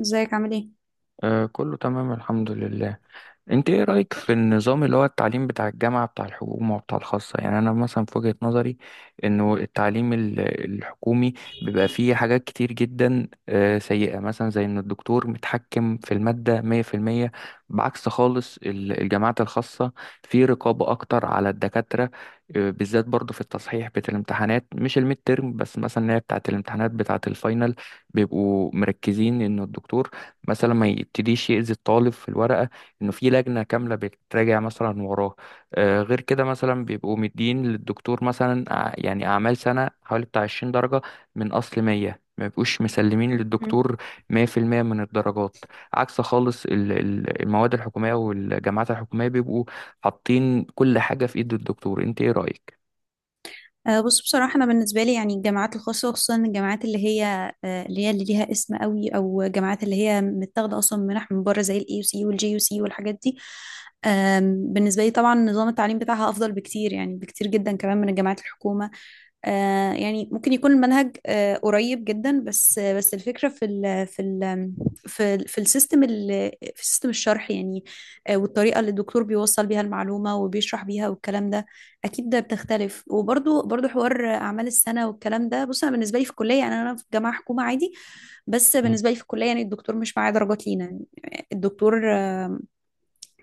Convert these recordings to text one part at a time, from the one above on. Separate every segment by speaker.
Speaker 1: ازيك عامل ايه؟
Speaker 2: آه، كله تمام، الحمد لله. انت ايه رأيك في النظام اللي هو التعليم بتاع الجامعة بتاع الحكومة وبتاع الخاصة؟ يعني انا مثلا في وجهة نظري انه التعليم الحكومي بيبقى فيه حاجات كتير جدا سيئة، مثلا زي ان الدكتور متحكم في المادة 100%، بعكس خالص الجامعات الخاصة. في رقابة اكتر على الدكاترة، بالذات برضو في التصحيح بتاع الامتحانات، مش الميد تيرم بس، مثلا اللي هي بتاعة الامتحانات بتاعة الفاينل. بيبقوا مركزين ان الدكتور مثلا ما يبتديش يأذي الطالب في الورقة، انه في لجنه كامله بتراجع مثلا وراه. غير كده، مثلا بيبقوا مدين للدكتور مثلا يعني اعمال سنه حوالي بتاع 20 درجه، من اصل 100، ما بيبقوش مسلمين
Speaker 1: مم.
Speaker 2: للدكتور 100% من الدرجات. عكس خالص المواد الحكوميه والجامعات الحكوميه، بيبقوا حاطين كل حاجه في ايد الدكتور. انت ايه رايك؟
Speaker 1: بص بصراحة أنا بالنسبة لي يعني الجامعات الخاصة، وخصوصا الجامعات اللي هي اللي هي اللي ليها اسم قوي، أو جامعات اللي هي متاخدة أصلا منح من بره زي الاي يو سي والجي يو سي والحاجات دي. بالنسبة لي طبعا نظام التعليم بتاعها أفضل بكتير، يعني بكتير جدا كمان من الجامعات الحكومة. يعني ممكن يكون المنهج قريب جدا، بس الفكرة في السيستم في سيستم الشرح يعني. والطريقة اللي الدكتور بيوصل بيها المعلومة وبيشرح بيها والكلام ده اكيد ده بتختلف. وبرضو برضو حوار اعمال السنه والكلام ده. بص، انا بالنسبه لي في الكليه يعني، انا في جامعه حكومه عادي، بس بالنسبه لي في الكليه يعني الدكتور مش معايا درجات لينا، يعني الدكتور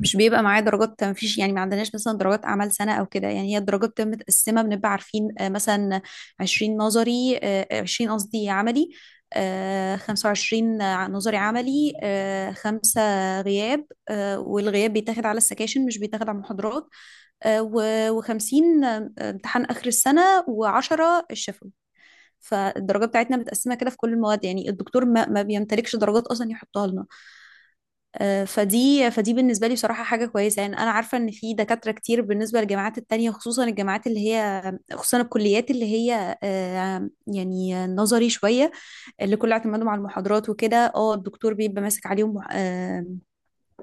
Speaker 1: مش بيبقى معايا درجات. ما فيش يعني، ما عندناش مثلا درجات اعمال سنه او كده. يعني هي الدرجات بتبقى متقسمه، بنبقى عارفين مثلا 20 نظري، 20 قصدي عملي، 25 نظري عملي، خمسة غياب، والغياب بيتاخد على السكاشن مش بيتاخد على المحاضرات، و50 امتحان آخر السنة، و10 الشفوي. فالدرجة بتاعتنا متقسمة كده في كل المواد، يعني الدكتور ما بيمتلكش درجات أصلا يحطها لنا. فدي بالنسبة لي بصراحة حاجة كويسة. يعني أنا عارفة إن في دكاترة كتير بالنسبة للجامعات التانية، خصوصا الجامعات اللي هي، خصوصا الكليات اللي هي يعني نظري شوية، اللي كله اعتمادهم على المحاضرات وكده. اه الدكتور بيبقى ماسك عليهم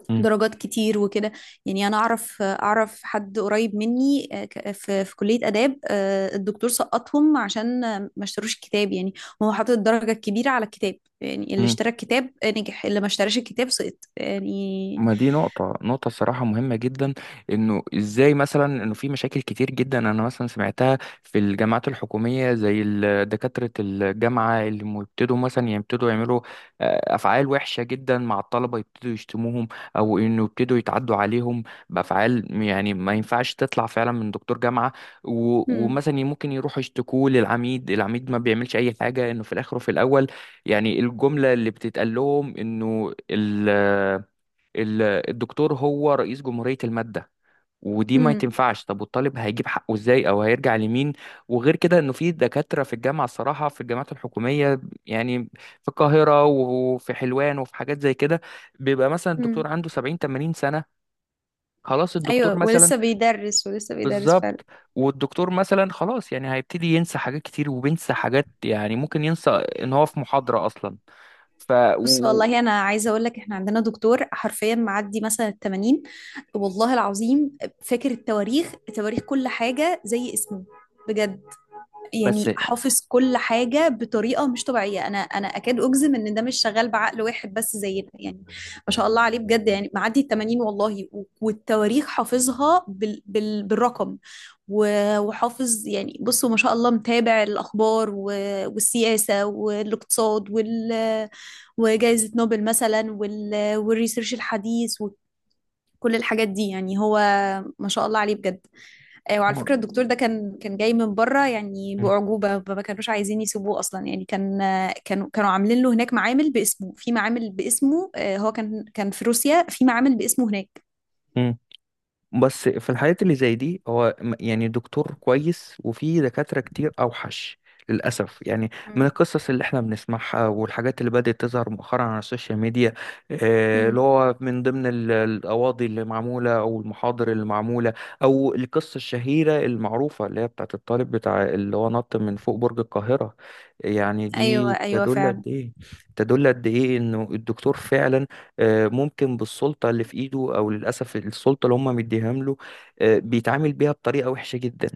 Speaker 2: مم.
Speaker 1: درجات كتير وكده. يعني انا اعرف حد قريب مني في كلية آداب، الدكتور سقطهم عشان ما اشتروش الكتاب يعني. هو حاطط الدرجة الكبيرة على الكتاب، يعني اللي
Speaker 2: مم.
Speaker 1: اشترى الكتاب نجح، اللي ما اشتراش الكتاب سقط يعني.
Speaker 2: ما دي نقطة الصراحة مهمة جدا، انه ازاي مثلا انه في مشاكل كتير جدا انا مثلا سمعتها في الجامعات الحكومية، زي دكاترة الجامعة اللي بيبتدوا مثلا يعني يبتدوا يعملوا افعال وحشة جدا مع الطلبة. يبتدوا يشتموهم او انه يبتدوا يتعدوا عليهم بافعال، يعني ما ينفعش تطلع فعلا من دكتور جامعة. و-
Speaker 1: هم
Speaker 2: ومثلا ممكن يروحوا يشتكوه للعميد، العميد ما بيعملش اي حاجة، انه في الاخر وفي الاول يعني الجملة اللي بتتقال لهم انه ال- الدكتور هو رئيس جمهورية المادة، ودي ما
Speaker 1: هم
Speaker 2: تنفعش. طب والطالب هيجيب حقه ازاي او هيرجع لمين؟ وغير كده انه في دكاترة في الجامعة، الصراحة في الجامعات الحكومية، يعني في القاهرة وفي حلوان وفي حاجات زي كده، بيبقى مثلا الدكتور
Speaker 1: هم.
Speaker 2: عنده 70 80 سنة. خلاص الدكتور
Speaker 1: ايوه،
Speaker 2: مثلا.
Speaker 1: ولسه بيدرس، ولسه بيدرس فعلا.
Speaker 2: بالظبط. والدكتور مثلا خلاص، يعني هيبتدي ينسى حاجات كتير وبينسى حاجات، يعني ممكن ينسى ان هو في محاضرة اصلا. ف
Speaker 1: بص
Speaker 2: و...
Speaker 1: والله انا عايزه اقول لك، احنا عندنا دكتور حرفيا معدي مثلا ال 80. والله العظيم، فاكر التواريخ، تواريخ كل حاجه زي اسمه بجد.
Speaker 2: بس.
Speaker 1: يعني حافظ كل حاجة بطريقة مش طبيعية. أنا أكاد أجزم إن ده مش شغال بعقل واحد بس زينا يعني. ما شاء الله عليه بجد. يعني معدي ال 80 والله، والتواريخ حافظها بالرقم وحافظ يعني. بصوا، ما شاء الله، متابع الأخبار، والسياسة والاقتصاد، وجائزة نوبل مثلا، والريسيرش الحديث، وكل الحاجات دي يعني. هو ما شاء الله عليه بجد. وعلى فكرة الدكتور ده كان جاي من بره يعني بأعجوبة. ما كانوش عايزين يسيبوه أصلا. يعني كانوا عاملين له هناك معامل باسمه، في معامل باسمه آه، هو كان في روسيا في معامل باسمه هناك.
Speaker 2: مم. بس في الحالات اللي زي دي هو يعني دكتور كويس، وفي دكاترة كتير أوحش، للأسف يعني، من
Speaker 1: مم.
Speaker 2: القصص اللي احنا بنسمعها والحاجات اللي بدأت تظهر مؤخرا على السوشيال ميديا. اللي
Speaker 1: مم.
Speaker 2: هو من ضمن القواضي اللي معمولة أو المحاضر اللي معمولة، أو القصة الشهيرة المعروفة اللي هي بتاعت الطالب بتاع اللي هو نط من فوق برج القاهرة. يعني
Speaker 1: أيوه
Speaker 2: دي
Speaker 1: أيوه
Speaker 2: تدل
Speaker 1: فعلا.
Speaker 2: قد إيه، إنه الدكتور فعلا، ممكن بالسلطة اللي في إيده أو للأسف السلطة اللي هم مديهام له، بيتعامل بيها بطريقة وحشة جدا،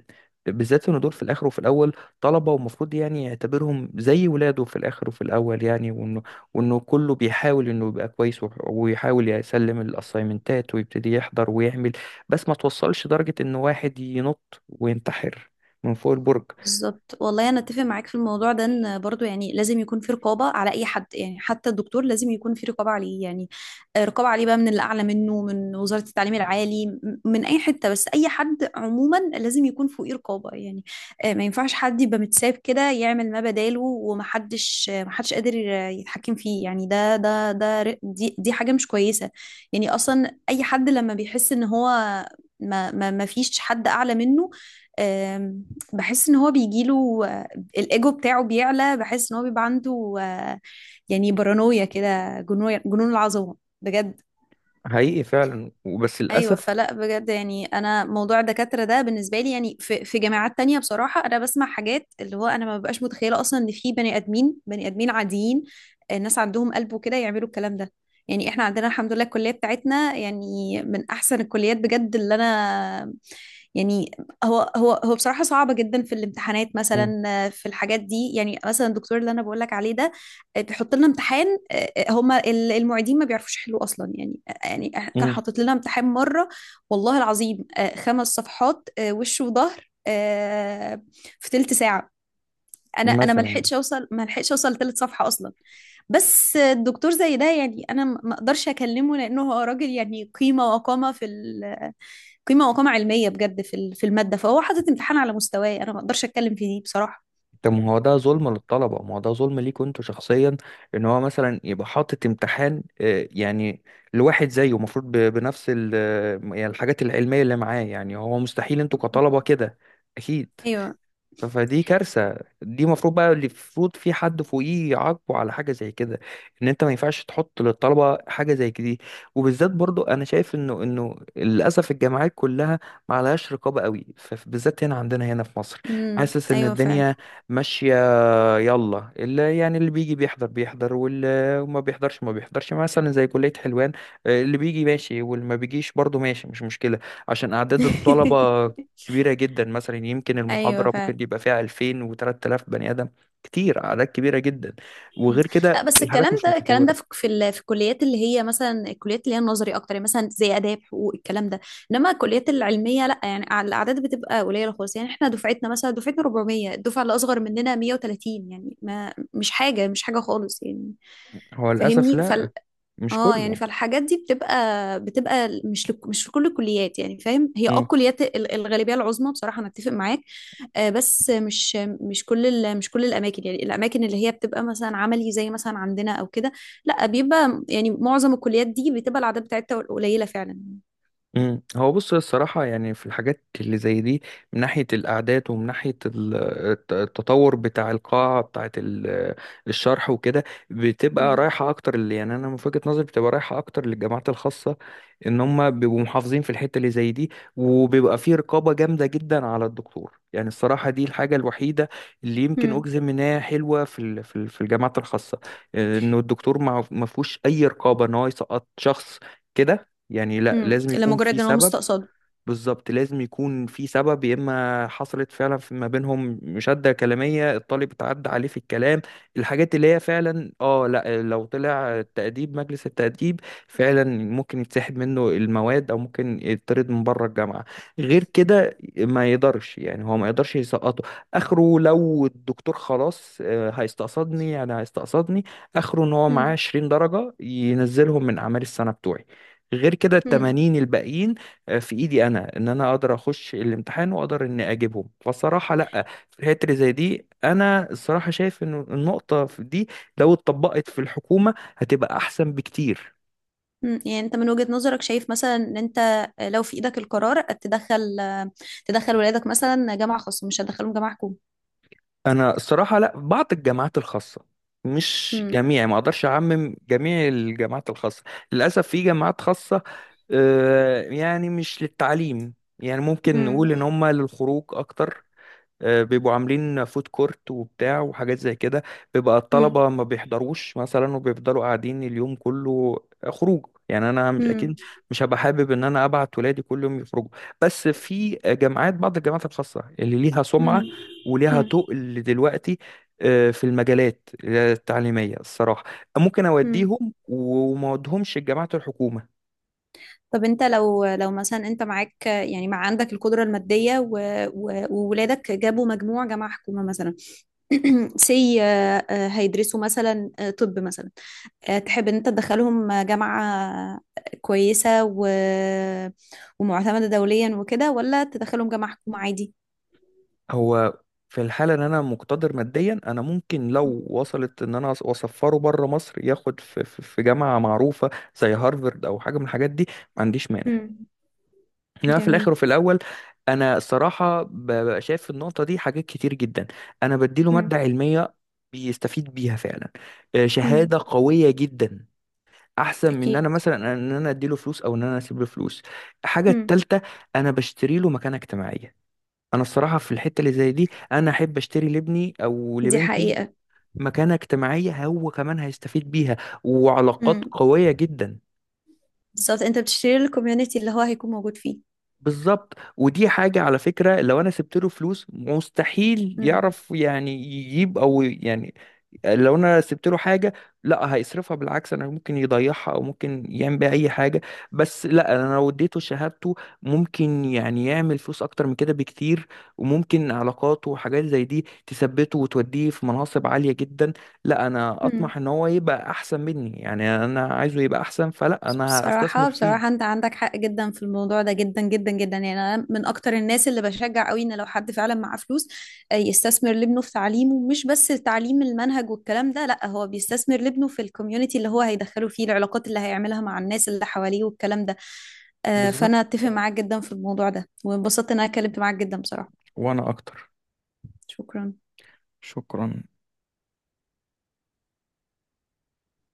Speaker 2: بالذات إن دول في الآخر وفي الأول طلبة، ومفروض يعني يعتبرهم زي ولاده في الآخر وفي الأول. يعني وإنه كله بيحاول إنه يبقى كويس وح- ويحاول يسلم الأسايمنتات ويبتدي يحضر ويعمل، بس ما توصلش درجة إن واحد ينط وينتحر من فوق البرج.
Speaker 1: بالظبط، والله انا اتفق معاك في الموضوع ده. ان برضو يعني لازم يكون في رقابه على اي حد، يعني حتى الدكتور لازم يكون في رقابه عليه يعني. رقابه عليه بقى من اللي اعلى منه، من وزاره التعليم العالي، من اي حته، بس اي حد عموما لازم يكون فوقيه رقابه يعني. ما ينفعش حد يبقى متساب كده يعمل ما بداله ومحدش محدش قادر يتحكم فيه يعني. ده ده ده ر- دي دي حاجه مش كويسه. يعني اصلا اي حد لما بيحس ان هو ما فيش حد اعلى منه، بحس ان هو بيجيله الايجو بتاعه بيعلى، بحس ان هو بيبقى عنده يعني بارانويا كده، جنون جنون العظمه بجد.
Speaker 2: حقيقي فعلا، وبس
Speaker 1: ايوه
Speaker 2: للأسف.
Speaker 1: فلا بجد. يعني انا موضوع الدكاتره ده بالنسبه لي يعني، في جامعات تانية بصراحه انا بسمع حاجات اللي هو انا ما ببقاش متخيله اصلا، ان في بني ادمين بني ادمين عاديين الناس عندهم قلب وكده يعملوا الكلام ده. يعني احنا عندنا الحمد لله الكليه بتاعتنا يعني من احسن الكليات بجد، اللي انا يعني. هو بصراحة صعبة جدا في الامتحانات
Speaker 2: مم.
Speaker 1: مثلا، في الحاجات دي يعني. مثلا الدكتور اللي انا بقول لك عليه ده بيحط لنا امتحان. هما المعيدين ما بيعرفوش يحلوا اصلا يعني. كان
Speaker 2: مم.
Speaker 1: حاطط لنا امتحان مرة والله العظيم خمس صفحات وش وظهر في تلت ساعة. انا
Speaker 2: مثلا،
Speaker 1: ما لحقتش اوصل لتلت صفحة اصلا. بس الدكتور زي ده يعني انا ما اقدرش اكلمه، لانه هو راجل يعني قيمة وقامة علمية بجد في في المادة. فهو حاطط امتحان على مستواي، أنا ما أقدرش أتكلم في دي بصراحة.
Speaker 2: طب ما هو ده ظلم للطلبة، ما هو ده ظلم ليك انتوا شخصيا، ان هو مثلا يبقى حاطط امتحان يعني لواحد زيه، المفروض بنفس يعني الحاجات العلمية اللي معاه، يعني هو مستحيل انتوا كطلبة
Speaker 1: مم.
Speaker 2: كده. اكيد.
Speaker 1: أيوه.
Speaker 2: ف- فدي كارثة. دي المفروض بقى، اللي المفروض في حد فوقيه يعاقبه على حاجة زي كده، ان انت ما ينفعش تحط للطلبة حاجة زي دي. وبالذات برضو انا شايف انه للاسف الجامعات كلها ما عليهاش رقابة قوي، فبالذات هنا عندنا هنا في مصر، حاسس ان
Speaker 1: أيوه فعلا.
Speaker 2: الدنيا ماشية، يلا اللي يعني اللي بيجي بيحضر بيحضر واللي ما بيحضرش ما بيحضرش، مثلا زي كلية حلوان، اللي بيجي ماشي واللي ما بيجيش برضه ماشي، مش مشكلة، عشان أعداد الطلبة كبيرة جدا. مثلا يمكن
Speaker 1: أيوه
Speaker 2: المحاضرة ممكن
Speaker 1: فعلا.
Speaker 2: يبقى فيها 2000 و3000 بني آدم، كتير أعداد كبيرة جدا.
Speaker 1: مم.
Speaker 2: وغير
Speaker 1: لا
Speaker 2: كده
Speaker 1: بس
Speaker 2: الحاجات
Speaker 1: الكلام
Speaker 2: مش
Speaker 1: ده، الكلام ده
Speaker 2: متطورة.
Speaker 1: في في الكليات اللي هي مثلا، الكليات اللي هي النظري أكتر، يعني مثلا زي آداب حقوق الكلام ده. إنما الكليات العلمية لا، يعني الأعداد بتبقى قليلة خالص. يعني إحنا دفعتنا، مثلا دفعتنا 400، الدفعة اللي أصغر مننا 130، يعني ما، مش حاجة، مش حاجة خالص يعني.
Speaker 2: هو للأسف
Speaker 1: فاهمني.
Speaker 2: لا، مش
Speaker 1: اه يعني
Speaker 2: كله.
Speaker 1: فالحاجات دي بتبقى مش لك مش في كل الكليات يعني، فاهم. هي اه
Speaker 2: إمم.
Speaker 1: الكليات الغالبيه العظمى بصراحه انا اتفق معاك. بس مش، مش كل مش كل الاماكن يعني. الاماكن اللي هي بتبقى مثلا عملي زي مثلا عندنا او كده لا، بيبقى يعني معظم الكليات دي بتبقى الاعداد بتاعتها قليله فعلا.
Speaker 2: مم. هو بص الصراحة يعني في الحاجات اللي زي دي، من ناحية الأعداد ومن ناحية التطور بتاع القاعة بتاعة الشرح وكده، بتبقى
Speaker 1: امم.
Speaker 2: رايحة أكتر، اللي يعني أنا من وجهة نظري بتبقى رايحة أكتر للجامعات الخاصة، إن هم بيبقوا محافظين في الحتة اللي زي دي، وبيبقى فيه رقابة جامدة جدا على الدكتور. يعني الصراحة دي الحاجة الوحيدة اللي يمكن
Speaker 1: امم.
Speaker 2: أجزم إنها حلوة في الجامعات الخاصة، إنه الدكتور ما فيهوش أي رقابة إن هو يسقط شخص كده. يعني لا، لازم يكون في
Speaker 1: لمجرد ان هو
Speaker 2: سبب.
Speaker 1: مستقصده.
Speaker 2: بالظبط، لازم يكون في سبب، يا اما حصلت فعلا في ما بينهم مشادة كلامية، الطالب اتعدى عليه في الكلام، الحاجات اللي هي فعلا، لا، لو طلع التأديب، مجلس التأديب فعلا ممكن يتسحب منه المواد او ممكن يطرد من بره الجامعة. غير كده ما يقدرش، يعني هو ما يقدرش يسقطه. اخره لو الدكتور خلاص هيستقصدني، يعني هيستقصدني، اخره ان هو معاه
Speaker 1: امم.
Speaker 2: 20 درجة ينزلهم من اعمال السنة بتوعي. غير كده
Speaker 1: امم.
Speaker 2: التمانين الباقيين في ايدي انا، ان انا اقدر اخش الامتحان واقدر اني اجيبهم. فالصراحه لا، في الحته اللي زي دي انا الصراحه شايف ان النقطه في دي لو اتطبقت في الحكومه هتبقى احسن بكتير.
Speaker 1: يعني انت من وجهه نظرك شايف مثلا ان انت لو في ايدك القرار، تدخل ولادك مثلا جامعه خاصه مش هتدخلهم جامعه حكومه؟
Speaker 2: انا الصراحه لا، بعض الجامعات الخاصه، مش
Speaker 1: مم.
Speaker 2: جميع، ما اقدرش اعمم جميع الجامعات الخاصه. للاسف في جامعات خاصه يعني مش للتعليم، يعني ممكن
Speaker 1: مم.
Speaker 2: نقول ان هم للخروج اكتر. بيبقوا عاملين فود كورت وبتاع وحاجات زي كده، بيبقى
Speaker 1: مم.
Speaker 2: الطلبة ما بيحضروش مثلا وبيفضلوا قاعدين اليوم كله، خروج يعني. انا مش
Speaker 1: مم.
Speaker 2: اكيد، مش هبقى حابب ان انا ابعت ولادي كل يوم يخرجوا. بس في جامعات بعض الجامعات الخاصة اللي ليها
Speaker 1: مم.
Speaker 2: سمعة وليها
Speaker 1: مم.
Speaker 2: تقل دلوقتي في المجالات التعليمية، الصراحة ممكن
Speaker 1: مم.
Speaker 2: أوديهم، وما أوديهمش الجامعات الحكومة.
Speaker 1: طب انت لو، لو مثلا انت معاك يعني، عندك القدرة المادية و... و... وولادك جابوا مجموع جامعة حكومة مثلا، سي هيدرسوا مثلا طب مثلا تحب ان انت تدخلهم جامعة كويسة و... ومعتمدة دوليا وكده، ولا تدخلهم جامعة حكومة عادي؟
Speaker 2: هو في الحالة ان انا مقتدر ماديا، انا ممكن لو وصلت ان انا اسفره بره مصر ياخد في جامعة معروفة زي هارفرد او حاجة من الحاجات دي، ما عنديش مانع.
Speaker 1: مم.
Speaker 2: انما في الاخر
Speaker 1: جميل.
Speaker 2: وفي الاول، انا الصراحة ببقى شايف في النقطة دي حاجات كتير جدا، انا بديله مادة
Speaker 1: مم.
Speaker 2: علمية بيستفيد بيها فعلا، شهادة
Speaker 1: مم.
Speaker 2: قوية جدا، احسن من ان انا
Speaker 1: اكيد.
Speaker 2: مثلا ان انا اديله فلوس او ان انا اسيب له فلوس. الحاجة
Speaker 1: مم.
Speaker 2: التالتة، انا بشتري له مكانة اجتماعية. انا الصراحه في الحته اللي زي دي انا احب اشتري لابني او
Speaker 1: دي
Speaker 2: لبنتي
Speaker 1: حقيقة.
Speaker 2: مكانه اجتماعيه هو كمان هيستفيد بيها، وعلاقات قويه جدا.
Speaker 1: بالظبط، انت بتشتري الكوميونتي اللي هو هيكون موجود فيه.
Speaker 2: بالظبط، ودي حاجه على فكره، لو انا سبت له فلوس مستحيل
Speaker 1: امم.
Speaker 2: يعرف يعني يجيب او يعني، لو انا سبت له حاجه لا هيصرفها، بالعكس انا ممكن يضيعها او ممكن يعمل بيها اي حاجه، بس لا انا لو اديته شهادته، ممكن يعني يعمل فلوس اكتر من كده بكتير، وممكن علاقاته وحاجات زي دي تثبته وتوديه في مناصب عاليه جدا. لا، انا
Speaker 1: امم.
Speaker 2: اطمح ان هو يبقى احسن مني، يعني انا عايزه يبقى احسن، فلا انا هستثمر
Speaker 1: بصراحة بصراحة
Speaker 2: فيه.
Speaker 1: انت عندك حق جدا في الموضوع ده، جدا جدا جدا. يعني انا من اكتر الناس اللي بشجع قوي ان لو حد فعلا معاه فلوس يستثمر لابنه في تعليمه. مش بس تعليم المنهج والكلام ده، لا، هو بيستثمر لابنه في الكوميونتي اللي هو هيدخله فيه، العلاقات اللي هيعملها مع الناس اللي حواليه والكلام ده.
Speaker 2: بالظبط،
Speaker 1: فانا اتفق معاك جدا في الموضوع ده، وانبسطت ان انا اتكلمت معاك جدا بصراحة.
Speaker 2: وانا اكتر.
Speaker 1: شكرا.
Speaker 2: شكرا.